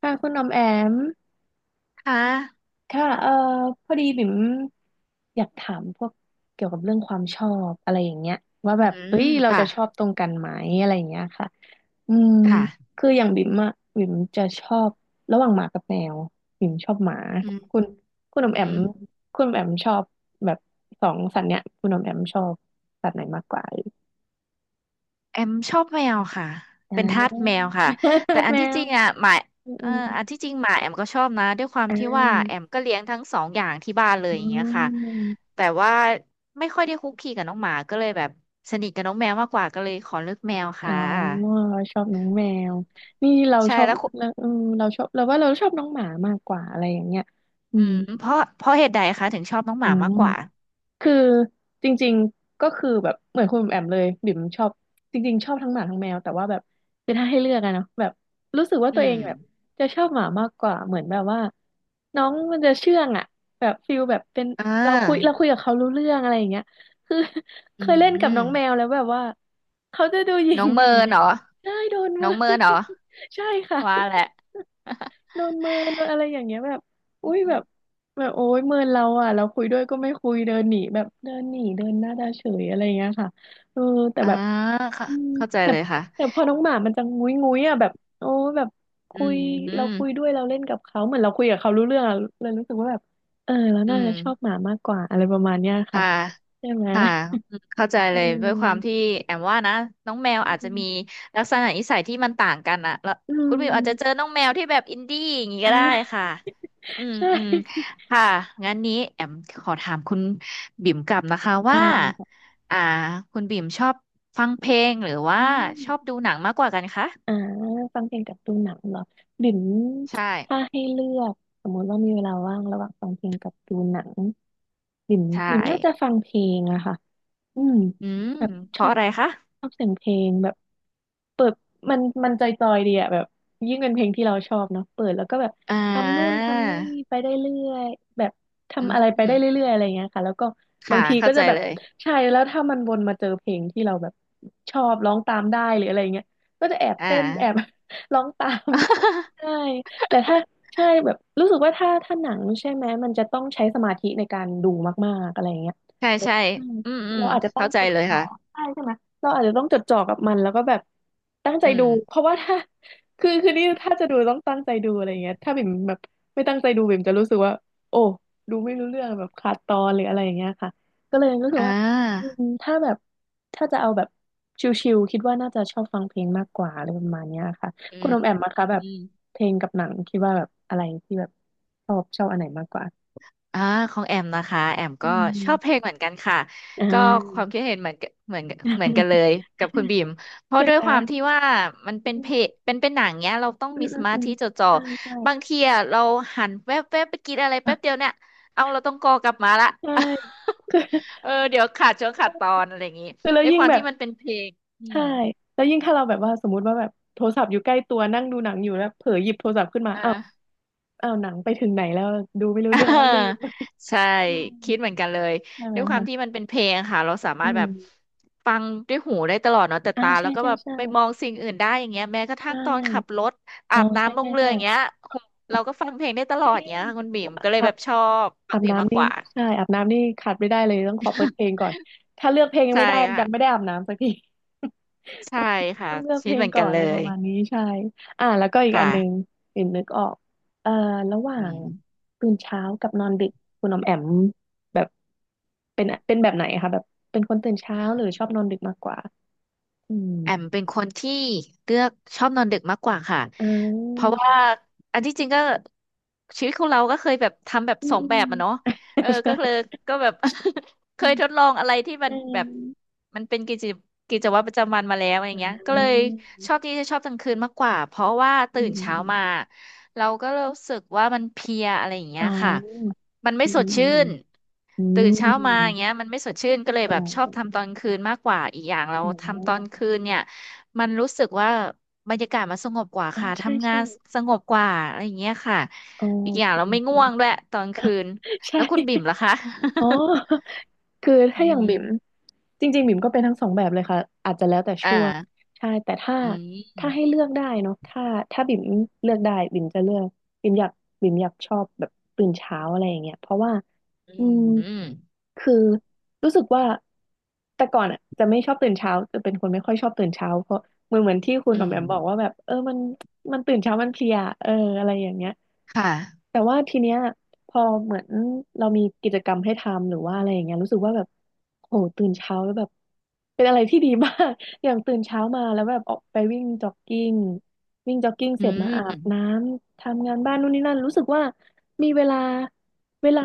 ค่ะคุณออมแอม ค่ะค่ะพอดีบิ่มอยากถามพวกเกี่ยวกับเรื่องความชอบอะไรอย่างเงี้ยว่าอืแบบมเอ้ยเราค่ะจะชอบตรงกันไหมอะไรอย่างเงี้ยค่ะอืมค่ะคืออย่างบิ่มอะบิ่มจะชอบระหว่างหมากับแมวบิ่มชอบหมาอืมคุณคุณออมอืแอมมคุณออมแอมชอบแบบสองสัตว์เนี้ยคุณออมแอมชอบสัตว์ไหนมากกว่าเอ่ยแอมชอบแมวค่ะอ่า เป็นทาสแมวค่ะแต่ อันแมที่จวริงอ่ะหมาอืมอเอ่อมอันที่จริงหมาแอมก็ชอบนะด้วยความอ่ที่ว่าแอมาก็เลี้ยงทั้งสองอย่างที่บ้านเลยอ๋อย่างเงี้ยค่ะอ แต่ว่าไม่ค่อยได้คุกคีกับน้องหมาก็เลยแบบสนิทกับน้องแมวมากกว่าก็เลยขอเลือกแมวอ๋อค่ะเราชอบน้องแมวนี่เราใช่ชอบแล้วคุเราเออเราชอบเราว่าเราชอบน้องหมามากกว่าอะไรอย่างเงี้ยอือืมมเพราะเหตุใดคะถึงชอบน้องหอืมามากม กว่าคือจริงๆก็คือแบบเหมือนคุณแอมเลยบิ่มชอบจริงๆชอบทั้งหมาทั้งแมวแต่ว่าแบบคือถ้าให้เลือกอะเนาะแบบรู้สึกว่าอืตัวเอมงแบบจะชอบหมามากกว่าเหมือนแบบว่าน้องมันจะเชื่องอะแบบฟิลแบบเป็นอ่เราคุยเราาคุยกับเขารู้เรื่องอะไรอย่างเงี้ยคือ อืเคยเล่นมกับน้องแมวแล้วแบบว่าเขาจะดูหยิ่น้งองๆอเมิย่างนเงี้เหยรอได้โดนน้มืออ งเมินเหรอ ใช่ค่ะ ว่าแหละ โดนเมินโดนอะไรอย่างเงี้ยแบบอุ้ยแบบแบบโอ้ยเมินเราอ่ะเราคุยด้วยก็ไม่คุยเดินหนีแบบเดินหนีเดินหน้าตาเฉยอะไรอย่างเงี้ยค่ะเออแต่อ่าแบบค่ะอืมเข้าใจแต่เลยค่ะพอน้องหมามันจะงุ้ยงุ้ยอ่ะแบบโอ้แบบอืคุยมอืเรามคุยด้วยเราเล่นกับเขาเหมือนเราคุยกับเขารู้เรื่องอะเลยรู้สึกว่าแบบเออเราอืน่ามจะชอบหมามากกว่าอะไรประมาณเนี้ยค่ะค่ะใช่ไหมค่ะเข้าใจเเลยด้วยความออที่แอมว่านะน้องแมวอือาจจะมีมลักษณะนิสัยที่มันต่างกันอะแล้วอืคุณวิวอาจจะเจอมน้องแมวที่แบบอินดี้อย่างนี้ก็ได้อ่ะค่ะอืมใช่อืมค่ะงั้นนี้แอมขอถามคุณบิ่มกลับนะคะว่าได้อ่าคุณบิ่มชอบฟังเพลงหรือว่าอ่ชอบดูา หนังมากกว่ากันคะอ่าฟังเพลงกับดูหนังเหรอบิ่มใช่ถ้าให้เลือกสมมติว่ามีเวลาว่างระหว่างฟังเพลงกับดูหนังบิ่มใช่ บิ่มน่าจะฟังเพลงอะค่ะ อืมอืมแบบเพชอราะบอะไรคะชอบเสียงเพลงแบบเปิดมันจอยๆดีอะแบบยิ่งเป็นเพลงที่เราชอบเนาะเปิดแล้วก็แบบอ่ทำนู่นาทำนี่ไปได้เรื่อยแบบอืทำอะไรไปมได้เรื่อยๆอะไรเงี้ยค่ะแล้วก็บาค่ะงทีเข้าก็ใจจะแบบเลยใช่แล้วถ้ามันวนมาเจอเพลงที่เราแบบชอบร้องตามได้หรืออะไรเงี้ยก็จะแอบอ่า เต้นแอบ ร้องตาม ใช่ แต่ถ้าใช่แบบรู้สึกว่าถ้าหนังใช่ไหมมันจะต้องใช้สมาธิในการดูมากๆอะไรเงี้ย ใช่ใช่อืมอืมเราอาจจะต้องเข้าใจจดเลยจ่อค่ะใช่ใช่ไหมเราอาจจะต้องจดจ่อกับมันแล้วก็แบบตั้งใจอืดูมเพราะว่าถ้า คือนี่ถ้าจะดูต้องตั้งใจดูอะไรอย่างเงี้ยถ้าบิ่มแบบไม่ตั้งใจดูบิ่มจะรู้สึกว่าโอ้ดูไม่รู้เรื่องแบบขาดตอนหรืออะไรอย่างเงี้ยค่ะก็เลยรู้สึกอ่าว่าอืมถ้าแบบถ้าจะเอาแบบชิลๆคิดว่าน่าจะชอบฟังเพลงมากกว่าอะไรประมาณเนี้ยค่ะอืคุณอมแอมมาคะแบบม เพลงกับหนังคิดว่าแบบอะไรที่แบบชอบอันไหนมากกว่าอ่าของแอมนะคะแอมอืก็ชอบเพลม งเหมือนกันค่ะ อ่า ก็ความคิดเห็นเหมือนกันเหมือนเหมือนกันเลยกับคุณ บีมเพราะใช่ด้วยไหม ความที่ว่ามันเป็นเพลงเป็นหนังเนี้ยเราต้องอืมีมสอืมมาอืมธิจดจ่อใช่ใช่ บางทีอะเราหันแวบไปกินอะไรแป๊บเดียวเนี่ยเอาเราต้องกอกลับมาละ ใช่ คือเออเดี๋ยวขาดช่วงขาดคตอนอะไรอย่างงี้แล้วด้วยคยิ่งวามแบที่บมันเป็นเพลงอืใช่มแล้วยิ่งถ้าเราแบบว่าสมมติว่าแบบโทรศัพท์อยู่ใกล้ตัวนั่งดูหนังอยู่แล้วเผลอหยิบโทรศัพท์ขึ้นมาอ่า อ้าวหนังไปถึงไหนแล้วดูไม่ รู้อ่าเรื่องแล้วลืม ใช่คิดเหมือนกันเลย ใช่ใช่ไหมด้วยความคะที่มันเป็นเพลงค่ะเราสามาอืรถแบมบฟังด้วยหูได้ตลอดเนาะแต่อ่าตาแล้ใช่วก็ใช่แบบใช่ไปมองสิ่งอื่นได้อย่างเงี้ยแม้กระใชทั่งตอนขับ่รถอาอ๋อบใช่น้ำลใช่งเรืออย่างเงี้ใช่ยหูเราก็ฟังเพลงได้ตลจอดริงเงี้ยค่ะคุณบิ่มก็เลยตัแบบ บชอบฟังอาบเพลงมากน้ำกนี่ว่า ใช่อาบน้ำนี่ขาดไม่ได้เลยต้องขอเปิดเพลง ก่อนถ้าเลือกเพลงยังใช่ไม่ได้ยังไม่ค่ะได้อาบน้ำสักที ใช่ ค่ะต้องเลือกเพคิดลเหงมือนก่อกันนเลอะไรปยระมาณนี้ใช่อ่าแล้วก็อีกอัค่ะนหนึงปิ่นนึกออกเอ่อระหว่าอืงม ตื่นเช้ากับนอนดึกคุณออมแอมแบบเป็นแบบไหนคะแบบเป็นคนตื่นเช้าหรือชอบนอนดึกมากกว่าอืมแอมเป็นคนที่เลือกชอบนอนดึกมากกว่าค่ะอ่เพราะาว่าอันที่จริงก็ชีวิตของเราก็เคยแบบทำแบบอืสมองอืแบมบอะเนาะเออใช่ก็เลยก็แบบ เคอยทดลองอะไรที่มัืนแบบมมันเป็นกิจวัตรประจำวันมาแล้วอย่างเงี้ยก็เลยชอบที่จะชอบกลางคืนมากกว่าเพราะว่าอืตื่นเช้ามามเราก็รู้สึกว่ามันเพลียอะไรอย่างเงี้อ่ยค่ะามันไม่อืสมดอืชื่มน อืมอ๋อตื่นอืมอืมอืเช้ามมาอือย่างเงี้ยม มันไม่สดชื่นก็เลยอ๋แบอบชอบทำตอนคืนมากกว่าอีกอย่างเราอ๋ทำตอนอคืนเนี่ยมันรู้สึกว่าบรรยากาศมันสงบกว่าอ๋อค่ะใช่ทำงาใช่นสงบกว่าอะไรอย่างเงี้ยค่ะอ๋ออีกอย่างจเราริงไม่จง่ริวง งด้วยตอนคืน แล้ใช่วคุณบิ่มล่ะคะ อ๋อคือ อืถ้าอย่างบิ่มมจริงๆบิ่มก็เป็นทั้งสองแบบเลยค่ะอาจจะแล้วแต่อ่าช่วงใช่แต่ถ้าอืให้มเลือกได้เนาะถ้าถ้าบิ่มเลือกได้บิ่มจะเลือกบิ่มอยากบิ่มอยากชอบแบบตื่นเช้าอะไรอย่างเงี้ยเพราะว่าอือืมมอืมคือรู้สึกว่าแต่ก่อนอ่ะจะไม่ชอบตื่นเช้าจะเป็นคนไม่ค่อยชอบตื่นเช้าเพราะเหมือนที่คุณอืออมมแอมบอกว่าแบบเออมันตื่นเช้ามันเพลียเอออะไรอย่างเงี้ย ค่ะแต่ว่าทีเนี้ยพอเหมือนเรามีกิจกรรมให้ทำหรือว่าอะไรอย่างเงี้ยรู้สึกว่าแบบโหตื่นเช้าแล้วแบบเป็นอะไรที่ดีมาก อย่างตื่นเช้ามาแล้วแบบออกไปวิ่งจ็อกกิ้งอืเสร็จมาอาบน้มำทำงานบ้านนู่นนี่นั่นรู้สึกว่ามีเวลา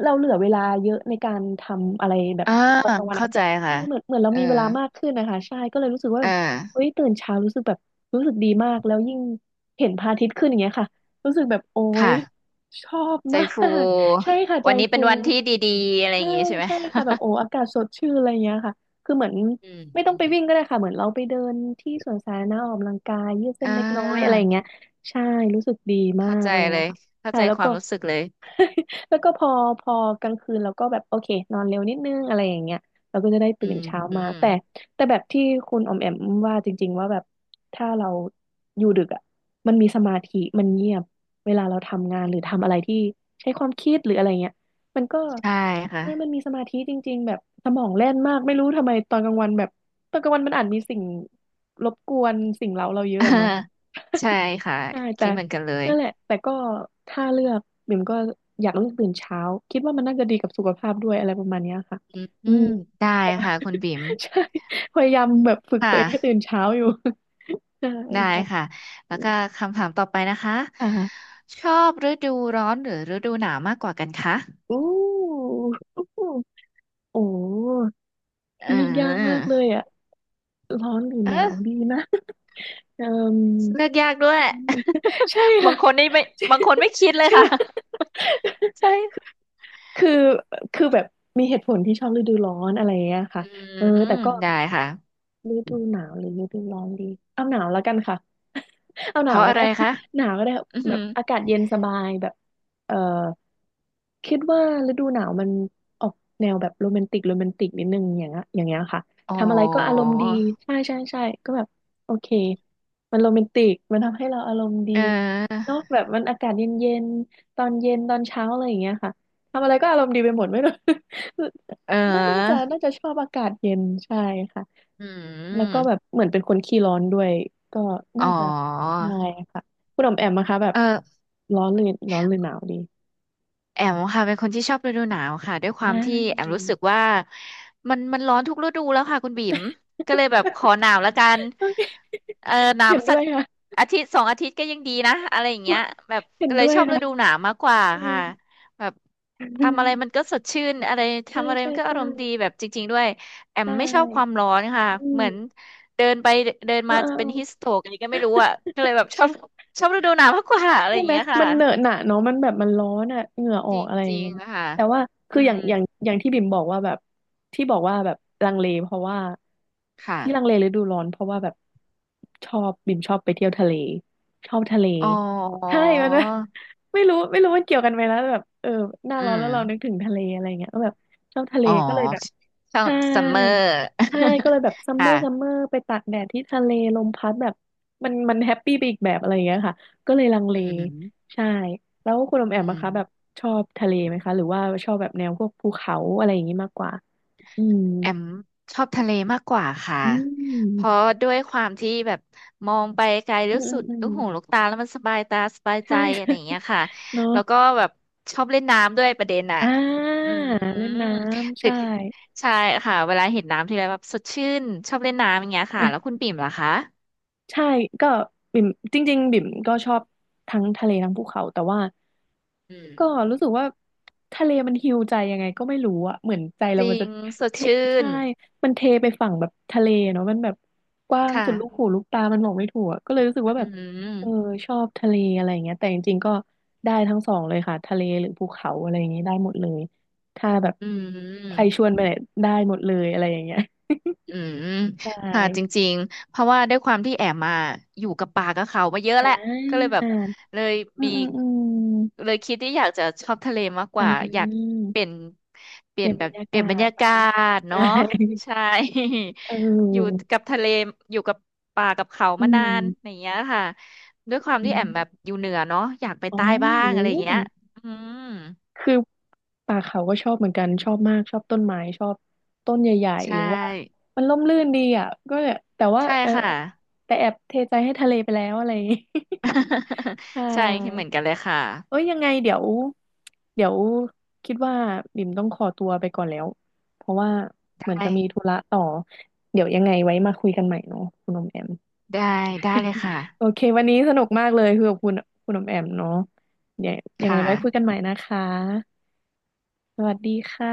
เราเหลือเวลาเยอะในการทำอะไรแบบอ่าตอนกลางวันเข้าอะใจใช่ค่ะเหมือนเหมือนเราเออมีเวลามากขึ้นนะคะใช่ก็เลยรู้สึกว่าเอแบบเฮ้อยตื่นเช้ารู้สึกแบบรู้สึกดีมากแล้วยิ่งเห็นพระอาทิตย์ขึ้นอย่างเงี้ยค่ะ รู้สึกแบบโอ๊ยค่ะชอบใจมาฟูก ใช่ค่ะใจวันนี้เป็ฟู นวันที่ดีๆอะไรอใช่ย่างงี้ใช่ไหม ใช่ค่ะแบบโอ้อากาศสดชื่นอะไรเงี้ยค่ะคือเหมือน อืม ไม่ต้องไปวิ่งก็ได้ค่ะเหมือนเราไปเดินที่สวนสาธารณะออกกำลังกายยืดเส้นอ่าเล็กน้อยอะไรอย่างเงี้ยใช่รู้สึกดีมาเข้ากใจอะไรเลเงี้ยยค่ะเข้าใช่ใจแล้วควาก็ มรู้สึกเลย แล้วก็พอกลางคืนเราก็แบบโอเคนอนเร็วนิดนึงอะไรอย่างเงี้ยเราก็จะได้อืตื่นมเช้าอืมามแต่แบบที่คุณออมแอมว่าจริงๆว่าแบบถ้าเราอยู่ดึกอ่ะมันมีสมาธิมันเงียบเวลาเราทำงานหรือทำอะไรที่ใช้ความคิดหรืออะไรเงี้ย มันก็ใช่ค่ะ ใช่มันมีสมาธิจริงๆแบบสมองแล่นมากไม่รู้ทำไมตอนกลางวันแบบตอนกลางวันมันอาจมีสิ่งรบกวนสิ่งเร้าเราเย อะอ่าอะเนาะใช่ค่ะใช่แต่คิดเหมือนกันเลยนั่นแหละแต่ก็ถ้าเลือกบิ่มก็อยากเลือกตื่นเช้าคิดว่ามันน่าจะดีกับสุขภาพด้วยอะไรประมาณเนี้ยค่ะอืมอือืมม ได้ค่ะคุณบิ๋ม ใช่พยายามแบบฝึกค่ะตัวเองให้ตื่นเช้าอยู่ ใช่ได้ค่ะค่ะแล้วก็คำถามต่อไปนะคะอ่าชอบฤดูร้อนหรือฤดูหนาวมากกว่ากันคะอู้โอ้เเลือกยากมากออเลยอะร้อนหรือเอหนาอวดีนะ เอ่ม เลือกยากด้วย ใช่ บาค่ะงคนนี่ไม่ใช่บางคนไม่คิดเลยใช่ค่ะ ไหม ใช่คือคือแบบมีเหตุผลที่ชอบฤดูร้อนอะไรอย่างเงี้ยค่ะอืเออมแต่ก็ได้ค่ะฤดูหนาวหรือฤดูร้อนดีเอาหนาวแล้วกันค่ะ เอาหเพนาวราะก็อะได้ ไรคะ หนาวก็ได้อืแบม บอากาศเย็นสบายแบบเออ คิดว่าฤดูหนาวมันออกแนวแบบโรแมนติกนิดนึงอย่างเงี้ยอย่างเงี้ยค่ะอ๋อทำอะไรก็อารมณ์ดีใช่ใช่ใช่ก็แบบโอเคมันโรแมนติกมันทำให้เราอารมณ์ดีเออเนาะแบบมันอากาศเย็นเย็นตอนเย็นตอนเช้าอะไรอย่างเงี้ยค่ะทำอะไรก็อารมณ์ดีไปหมดไม่รู้ เ น่าน่าจะออน่าจะชอบอากาศเย็นใช่ค่ะอืแล้วก็แบบมเหมือนเป็นคนขี้ร้อนด้วยก็อ๋อน่าจะใช่ค่ะคุณออมแอมนะคะแบบเออ ร้อนหรือร้อนหรือหนาวดีแอมค่ะเป็นคนที่ชอบฤดูหนาวค่ะด้วยคอวามที่แอม่รู้สึกว่ามันมันร้อนทุกฤดูแล้วค่ะคุณบิ๋มก็เลยแบบขอา หนาวแล้วกันโอเค เออห นาวเห็นสัด้วกยค่ะอาทิตย์สองอาทิตย์ก็ยังดีนะอะไรอย่างเงี้ยแบบเห็นก็เลด้ยวยชอบฤค่ะดูหนาวมากกว่าอืค่ะมแบบทำอะไรมันก็สดชื่นอะไรใช่ทำอะไรใช่มันก็อาใช่รมณ์ดีแบบจริงๆด้วยแอใชมไม่ชอบความ่ ร้อนค่ะอืเหมืมอนเดินไปเดินอ่มาเป็นฮิสา โตรกอะไรก็ไม่รู้อ่ะก็เลยแบบชอบชอบฤดูหนาวมากกว่าอะไรใช่อย่างไหมเงี้ยค่ะ มันเหนอะหนะเนาะมันแบบมันร้อนอะเหงื่ออจอกอะไรอย่าริงงเงี้ยๆค่ะแต่ว่าคืออือย่างมอย่างอย่างที่บิ่มบอกว่าแบบที่บอกว่าแบบลังเลเพราะว่าค่ะ ที่ลังเลฤดูร้อนเพราะว่าแบบชอบบิ่มชอบไปเที่ยวทะเลชอบทะเลอ๋อใช่มันนะ ไม่รู้มันเกี่ยวกันไหมนะแต่แบบเออหน้าร้อือนมแล้วเรานึกถึงทะเลอะไรเงี้ยก็แบบชอบทะเลอ๋อก็เลยแบบ ใช่ ซัมเมอร์ ใช่ ก็เลยแบบ ซัมคเมอร์ซัมเมอ่ะร์ไปตากแดดที่ทะเลลมพัดแบบมันมันแฮปปี้ไปอีกแบบอะไรอย่างเงี้ยค่ะ ก็เลยลังเลอืมใช่ แล้วคุณอมแออืมนะม คะแบบชอบทะเลไหมคะหรือว่าชอบแบบแนวพวกภูเขาอะไรอย่างงี้มากกว่าอืมแอมชอบทะเลมากกว่าค่ะอืเพมราะด้วยความที่แบบมองไปไกลอืแล้วมอืสุมดอืมลูกหูลูกตาแล้วมันสบายตาสบายใชใจอะไรอย่างเงี้ย่ ค่ะ เนอะแล้วก็แบบชอบเล่นน้ำด้วยประเด็นอ่ะอ่าอืเล่นน้ม ำ ถึใช่ งใช่ค่ะเวลาเห็นน้ำทีไรแบบสดชื่นชอบเล่นน้ำอย่างเงี้ยค่ะ แล้วคุณปิ่มล่ะคะใช่ก็บิ่มจริงๆบิ่มก็ชอบทั้งทะเลทั้งภูเขาแต่ว่าอืมก็รู้สึกว่าทะเลมันฮีลใจยังไงก็ไม่รู้อะเหมือนใจจเราริมันจะงสดเทชื่นใช่มันเทไปฝั่งแบบทะเลเนาะมันแบบกว้างสุดลูกค่ะหูลูกตามันบอกไม่ถูกอะก็เลยรู้สึกอืว่าแบบเออมชอบทะเลอะไรอย่างเงี้ยแต่จริงๆก็ได้ทั้งสองเลยค่ะทะเลหรือภูเขาอะไรอย่างเงี้ยได้หมดเลยถ้าแบบอืใครชวนม ไปไหนได้หมดเลยอะไรอย่างเงี้ย อืมค่ะจ ใช่ริงๆเพราะว่าด้วยความที่แอมมาอยู่กับป่ากับเขามาเยอะแหอ่า ละก็เลยแบบเลยอืมมีอืมอืมเลยคิดที่อยากจะชอบทะเลมากกอ่ว่าอยากาเปลี่ยนเปเปลี่ยลี่นยนบแบรบรยาเปลี่กายนบรรศยาเนาะกาศเนาะได้ ใช่ อยู่เออกับทะเลอยู่กับป่ากับเขาอืมานานอมย่างเงี้ยค่ะด้วยความอที่แอมแบบมอยู่เหนือเนาะอยากไปอ๋อใต้บ้างโหอะไรอย่างเงี้ยอืมคือป่าเขาก็ชอบเหมือนกันชอบมากชอบต้นไม้ชอบต้นใหญ่ๆใช่หรือว่ามันร่มรื่นดีอ่ะก็เนี่ยแต่ว่าใช่เออค่ะ แต่แอบเทใจให้ทะเลไปแล้วอะไรอย่างงี้ ใช่ ใช่คิดเหมือนกันเลยค่ะเอ้ยยังไงเดี๋ยวคิดว่าบิ่มต้องขอตัวไปก่อนแล้วเพราะว่าเหมือนได้ จะมีธุระต่อเดี๋ยวยังไงไว้มาคุยกันใหม่เนาะคุณอมแอมได้ได้เลยค่ะโอเควันนี้สนุกมากเลยคือกับคุณอมแอมเนาะเดี๋ยวคยังไงไว้คุยกั่ะนใหม่นะคะสวัสดีค่ะ